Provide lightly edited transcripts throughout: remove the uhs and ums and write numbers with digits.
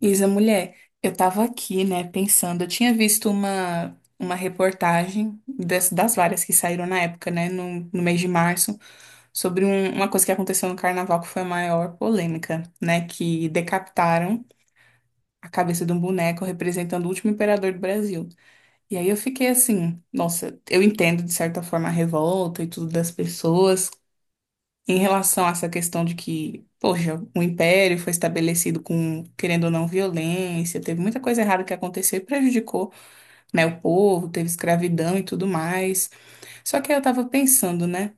Isa, mulher, eu tava aqui, né, pensando, eu tinha visto uma reportagem das várias que saíram na época, né, no mês de março, sobre uma coisa que aconteceu no carnaval que foi a maior polêmica, né, que decapitaram a cabeça de um boneco representando o último imperador do Brasil. E aí eu fiquei assim, nossa, eu entendo de certa forma a revolta e tudo das pessoas, em relação a essa questão de que, poxa, o império foi estabelecido com, querendo ou não, violência, teve muita coisa errada que aconteceu e prejudicou, né, o povo, teve escravidão e tudo mais. Só que aí eu tava pensando, né?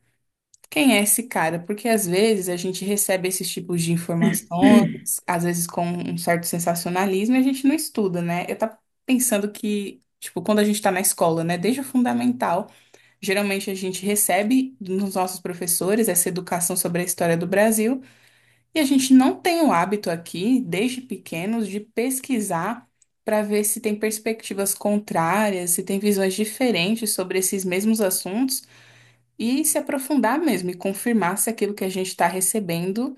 Quem é esse cara? Porque às vezes a gente recebe esses tipos de informações, às vezes com um certo sensacionalismo, e a gente não estuda, né? Eu tava pensando que, tipo, quando a gente tá na escola, né, desde o fundamental, geralmente a gente recebe nos nossos professores essa educação sobre a história do Brasil, e a gente não tem o hábito aqui, desde pequenos, de pesquisar para ver se tem perspectivas contrárias, se tem visões diferentes sobre esses mesmos assuntos e se aprofundar mesmo e confirmar se aquilo que a gente está recebendo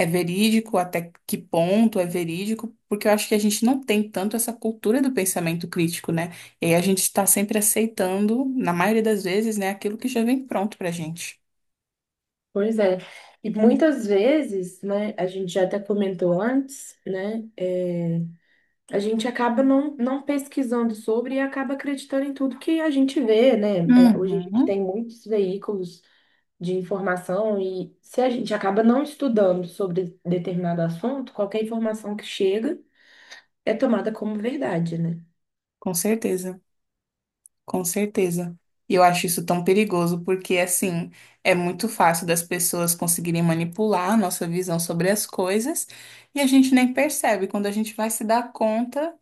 é verídico, até que ponto é verídico, porque eu acho que a gente não tem tanto essa cultura do pensamento crítico, né? E aí a gente está sempre aceitando, na maioria das vezes, né, aquilo que já vem pronto para a gente. Pois é. E muitas vezes, né, a gente já até comentou antes, né, a gente acaba não pesquisando sobre e acaba acreditando em tudo que a gente vê, né? É, hoje a gente Uhum, tem muitos veículos de informação e se a gente acaba não estudando sobre determinado assunto, qualquer informação que chega é tomada como verdade, né? com certeza. Com certeza. E eu acho isso tão perigoso, porque assim, é muito fácil das pessoas conseguirem manipular a nossa visão sobre as coisas e a gente nem percebe. Quando a gente vai se dar conta,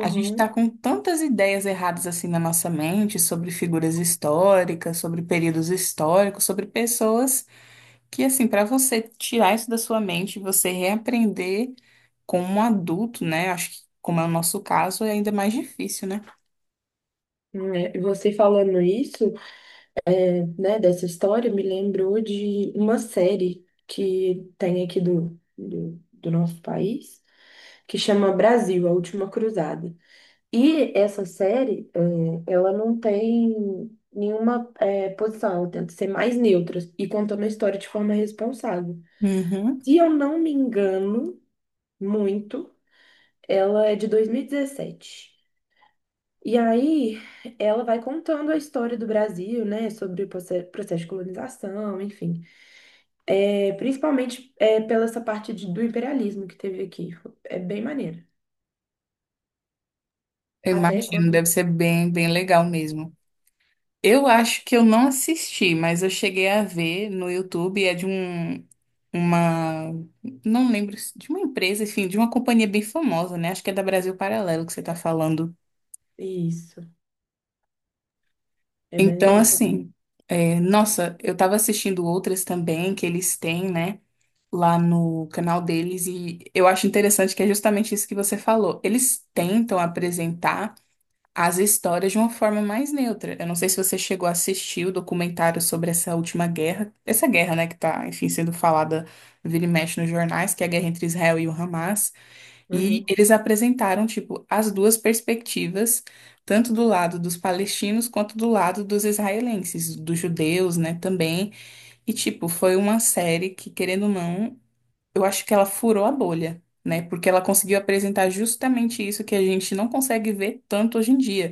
a gente está com tantas ideias erradas assim na nossa mente sobre figuras históricas, sobre períodos históricos, sobre pessoas que assim, para você tirar isso da sua mente, e você reaprender como um adulto, né? Acho que como é o nosso caso, é ainda mais difícil, né? É, e você falando isso, né, dessa história me lembrou de uma série que tem aqui do nosso país, que chama Brasil, A Última Cruzada. E essa série, ela não tem nenhuma, posição, ela tenta ser mais neutra e contando a história de forma responsável. Uhum. Se eu não me engano muito, ela é de 2017. E dezessete. E aí, ela vai contando a história do Brasil, né, sobre o processo de colonização, enfim. É, principalmente é, pela essa parte do imperialismo que teve aqui. É bem maneiro. Eu Até imagino, quando. deve ser bem, bem legal mesmo. Eu acho que eu não assisti, mas eu cheguei a ver no YouTube, é de um, uma, não lembro, de uma empresa, enfim, de uma companhia bem famosa, né? Acho que é da Brasil Paralelo que você tá falando. Isso, é bem Então, legal. assim, é, nossa, eu tava assistindo outras também que eles têm, né? Lá no canal deles, e eu acho interessante que é justamente isso que você falou. Eles tentam apresentar as histórias de uma forma mais neutra. Eu não sei se você chegou a assistir o documentário sobre essa última guerra, essa guerra, né, que tá, enfim, sendo falada vira e mexe nos jornais, que é a guerra entre Israel e o Hamas, e Uhum, eles apresentaram, tipo, as duas perspectivas, tanto do lado dos palestinos quanto do lado dos israelenses, dos judeus, né, também, e, tipo, foi uma série que, querendo ou não, eu acho que ela furou a bolha. Né, porque ela conseguiu apresentar justamente isso que a gente não consegue ver tanto hoje em dia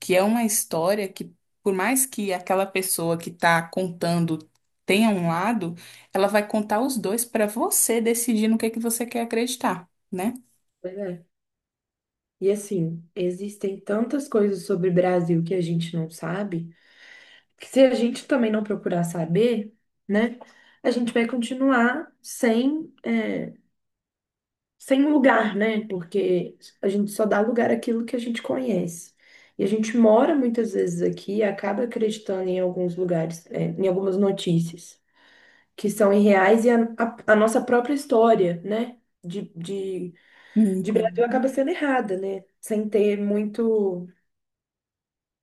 que é uma história que, por mais que aquela pessoa que está contando tenha um lado, ela vai contar os dois para você decidir no que você quer acreditar, né? pois é. E assim, existem tantas coisas sobre o Brasil que a gente não sabe, que se a gente também não procurar saber, né, a gente vai continuar sem, sem lugar, né? Porque a gente só dá lugar àquilo que a gente conhece. E a gente mora muitas vezes aqui e acaba acreditando em alguns lugares, em algumas notícias que são irreais e a nossa própria história, né? De, de, de Brasil Uhum. acaba sendo errada, né? Sem ter muito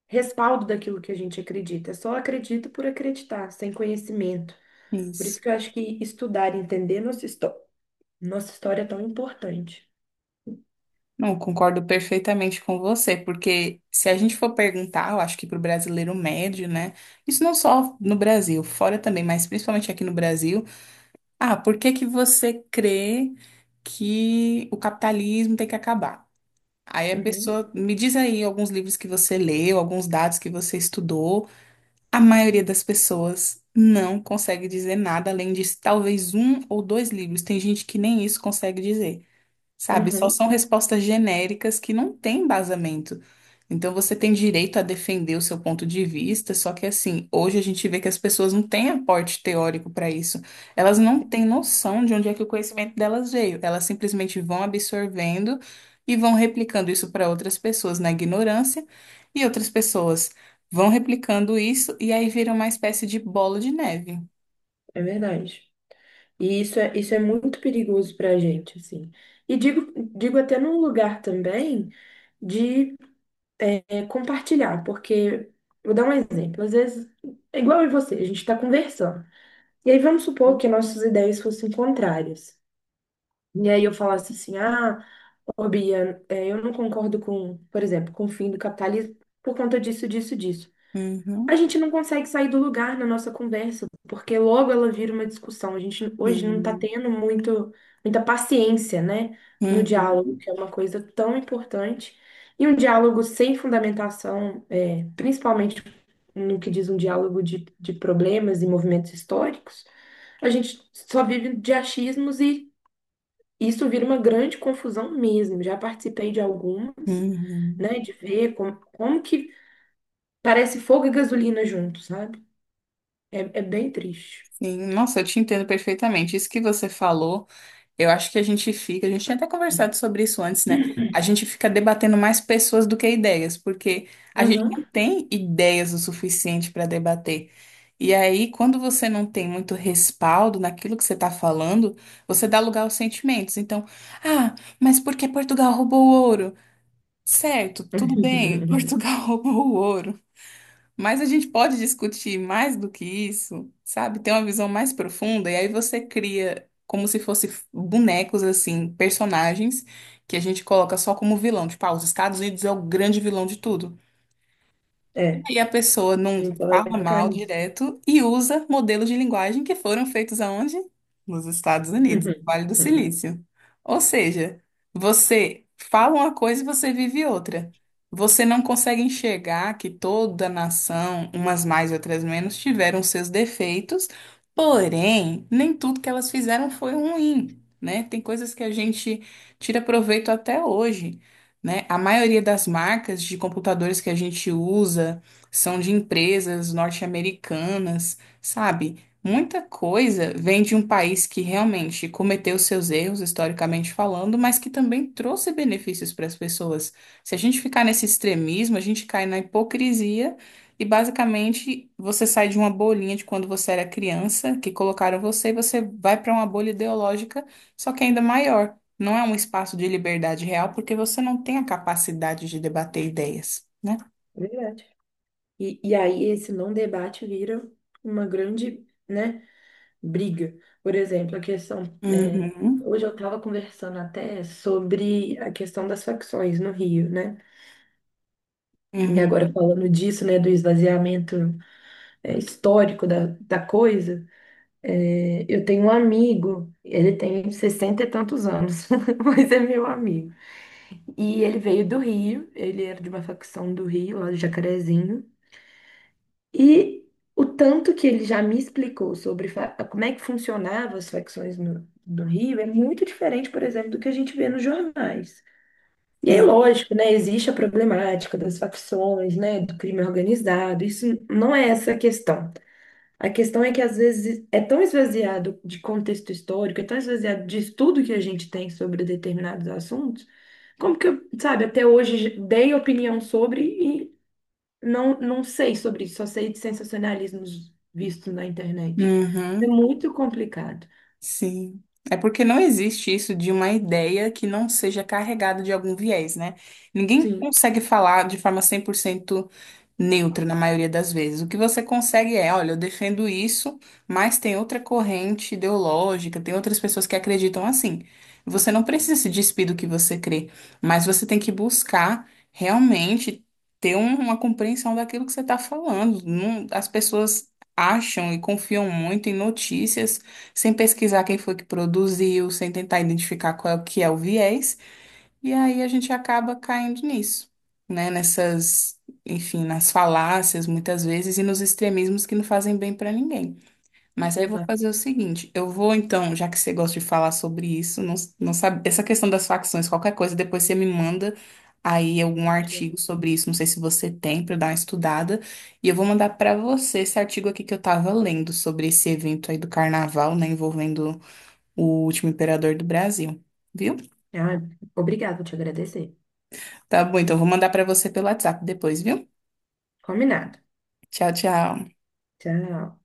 respaldo daquilo que a gente acredita. É só acredito por acreditar, sem conhecimento. Por Isso. isso que eu acho que estudar e entender nossa história é tão importante. Não, concordo perfeitamente com você, porque se a gente for perguntar, eu acho que para o brasileiro médio, né? Isso não só no Brasil, fora também, mas principalmente aqui no Brasil. Ah, por que que você crê que o capitalismo tem que acabar? Aí a Uhum, pessoa me diz aí alguns livros que você leu, alguns dados que você estudou. A maioria das pessoas não consegue dizer nada além de talvez um ou dois livros. Tem gente que nem isso consegue dizer. Sabe, só uhum, são respostas genéricas que não têm embasamento. Então você tem direito a defender o seu ponto de vista, só que assim, hoje a gente vê que as pessoas não têm aporte teórico para isso. Elas não têm noção de onde é que o conhecimento delas veio. Elas simplesmente vão absorvendo e vão replicando isso para outras pessoas na ignorância, e outras pessoas vão replicando isso e aí vira uma espécie de bola de neve. é verdade. E isso é muito perigoso para a gente, assim. E digo até num lugar também de compartilhar, porque vou dar um exemplo. Às vezes, é igual eu e você, a gente está conversando. E aí vamos supor que nossas ideias fossem contrárias. E aí eu falasse assim, ah, ô Bia, eu não concordo com, por exemplo, com o fim do capitalismo por conta disso, disso, disso. A Uhum, gente não consegue sair do lugar na nossa conversa, porque logo ela vira uma discussão. A gente hoje não está uhum, tendo muito, muita paciência, né, no diálogo, uhum, que é uma coisa tão importante. E um diálogo sem fundamentação, principalmente no que diz um diálogo de problemas e movimentos históricos, a gente só vive de achismos e isso vira uma grande confusão mesmo. Já participei de algumas, uhum. né, de ver como que parece fogo e gasolina juntos, sabe? É bem triste. Sim, nossa, eu te entendo perfeitamente. Isso que você falou, eu acho que a gente fica, a gente tinha até conversado sobre isso antes, né? A gente fica debatendo mais pessoas do que ideias, porque a gente Uhum. não tem ideias o suficiente para debater. E aí, quando você não tem muito respaldo naquilo que você está falando, você dá lugar aos sentimentos. Então, ah, mas por que Portugal roubou o ouro? Certo, tudo bem, Portugal roubou o ouro. Mas a gente pode discutir mais do que isso, sabe? Ter uma visão mais profunda, e aí você cria como se fosse bonecos, assim, personagens que a gente coloca só como vilão. Tipo, ah, os Estados Unidos é o grande vilão de tudo. É, a E a pessoa não gente só vai fala ficar mal nisso. direto e usa modelos de linguagem que foram feitos aonde? Nos Estados Unidos, no Vale do Silício. Ou seja, você fala uma coisa e você vive outra. Você não consegue enxergar que toda nação, umas mais e outras menos, tiveram seus defeitos, porém, nem tudo que elas fizeram foi ruim, né? Tem coisas que a gente tira proveito até hoje. Né? A maioria das marcas de computadores que a gente usa são de empresas norte-americanas, sabe? Muita coisa vem de um país que realmente cometeu seus erros, historicamente falando, mas que também trouxe benefícios para as pessoas. Se a gente ficar nesse extremismo, a gente cai na hipocrisia e basicamente você sai de uma bolinha de quando você era criança, que colocaram você, e você vai para uma bolha ideológica, só que ainda maior. Não é um espaço de liberdade real, porque você não tem a capacidade de debater ideias, né? Verdade. E aí esse não debate vira uma grande, né, briga. Por exemplo, Uhum. hoje eu estava conversando até sobre a questão das facções no Rio, né? E Uhum, agora falando disso, né, do esvaziamento histórico da coisa. É, eu tenho um amigo, ele tem 60 e tantos anos, mas é meu amigo. E ele veio do Rio, ele era de uma facção do Rio, lá do Jacarezinho. E o tanto que ele já me explicou sobre como é que funcionavam as facções no, do Rio é muito diferente, por exemplo, do que a gente vê nos jornais. E é sim. lógico, né? Existe a problemática das facções, né? Do crime organizado. Isso não é essa a questão. A questão é que às vezes é tão esvaziado de contexto histórico, é tão esvaziado de estudo que a gente tem sobre determinados assuntos, como que eu, sabe, até hoje dei opinião sobre e não sei sobre isso, só sei de sensacionalismos vistos na internet. É Uhum, muito complicado. sim. É porque não existe isso de uma ideia que não seja carregada de algum viés, né? Ninguém Sim, consegue falar de forma 100% neutra na maioria das vezes. O que você consegue é, olha, eu defendo isso, mas tem outra corrente ideológica, tem outras pessoas que acreditam assim. Você não precisa se despir do que você crê, mas você tem que buscar realmente ter uma compreensão daquilo que você está falando. Não, as pessoas acham e confiam muito em notícias sem pesquisar quem foi que produziu, sem tentar identificar qual é o que é o viés. E aí a gente acaba caindo nisso, né? Nessas, enfim, nas falácias muitas vezes e nos extremismos que não fazem bem para ninguém. Mas aí eu vou exatamente. fazer o seguinte, eu vou então, já que você gosta de falar sobre isso, não, não sabe, essa questão das facções, qualquer coisa, depois você me manda aí algum artigo sobre isso, não sei se você tem para dar uma estudada, e eu vou mandar para você esse artigo aqui que eu tava lendo sobre esse evento aí do carnaval, né, envolvendo o último imperador do Brasil. Viu? Ah, obrigada, vou te agradecer. Tá bom, então vou mandar pra você pelo WhatsApp depois, viu? Combinado. Tchau, tchau. Tchau.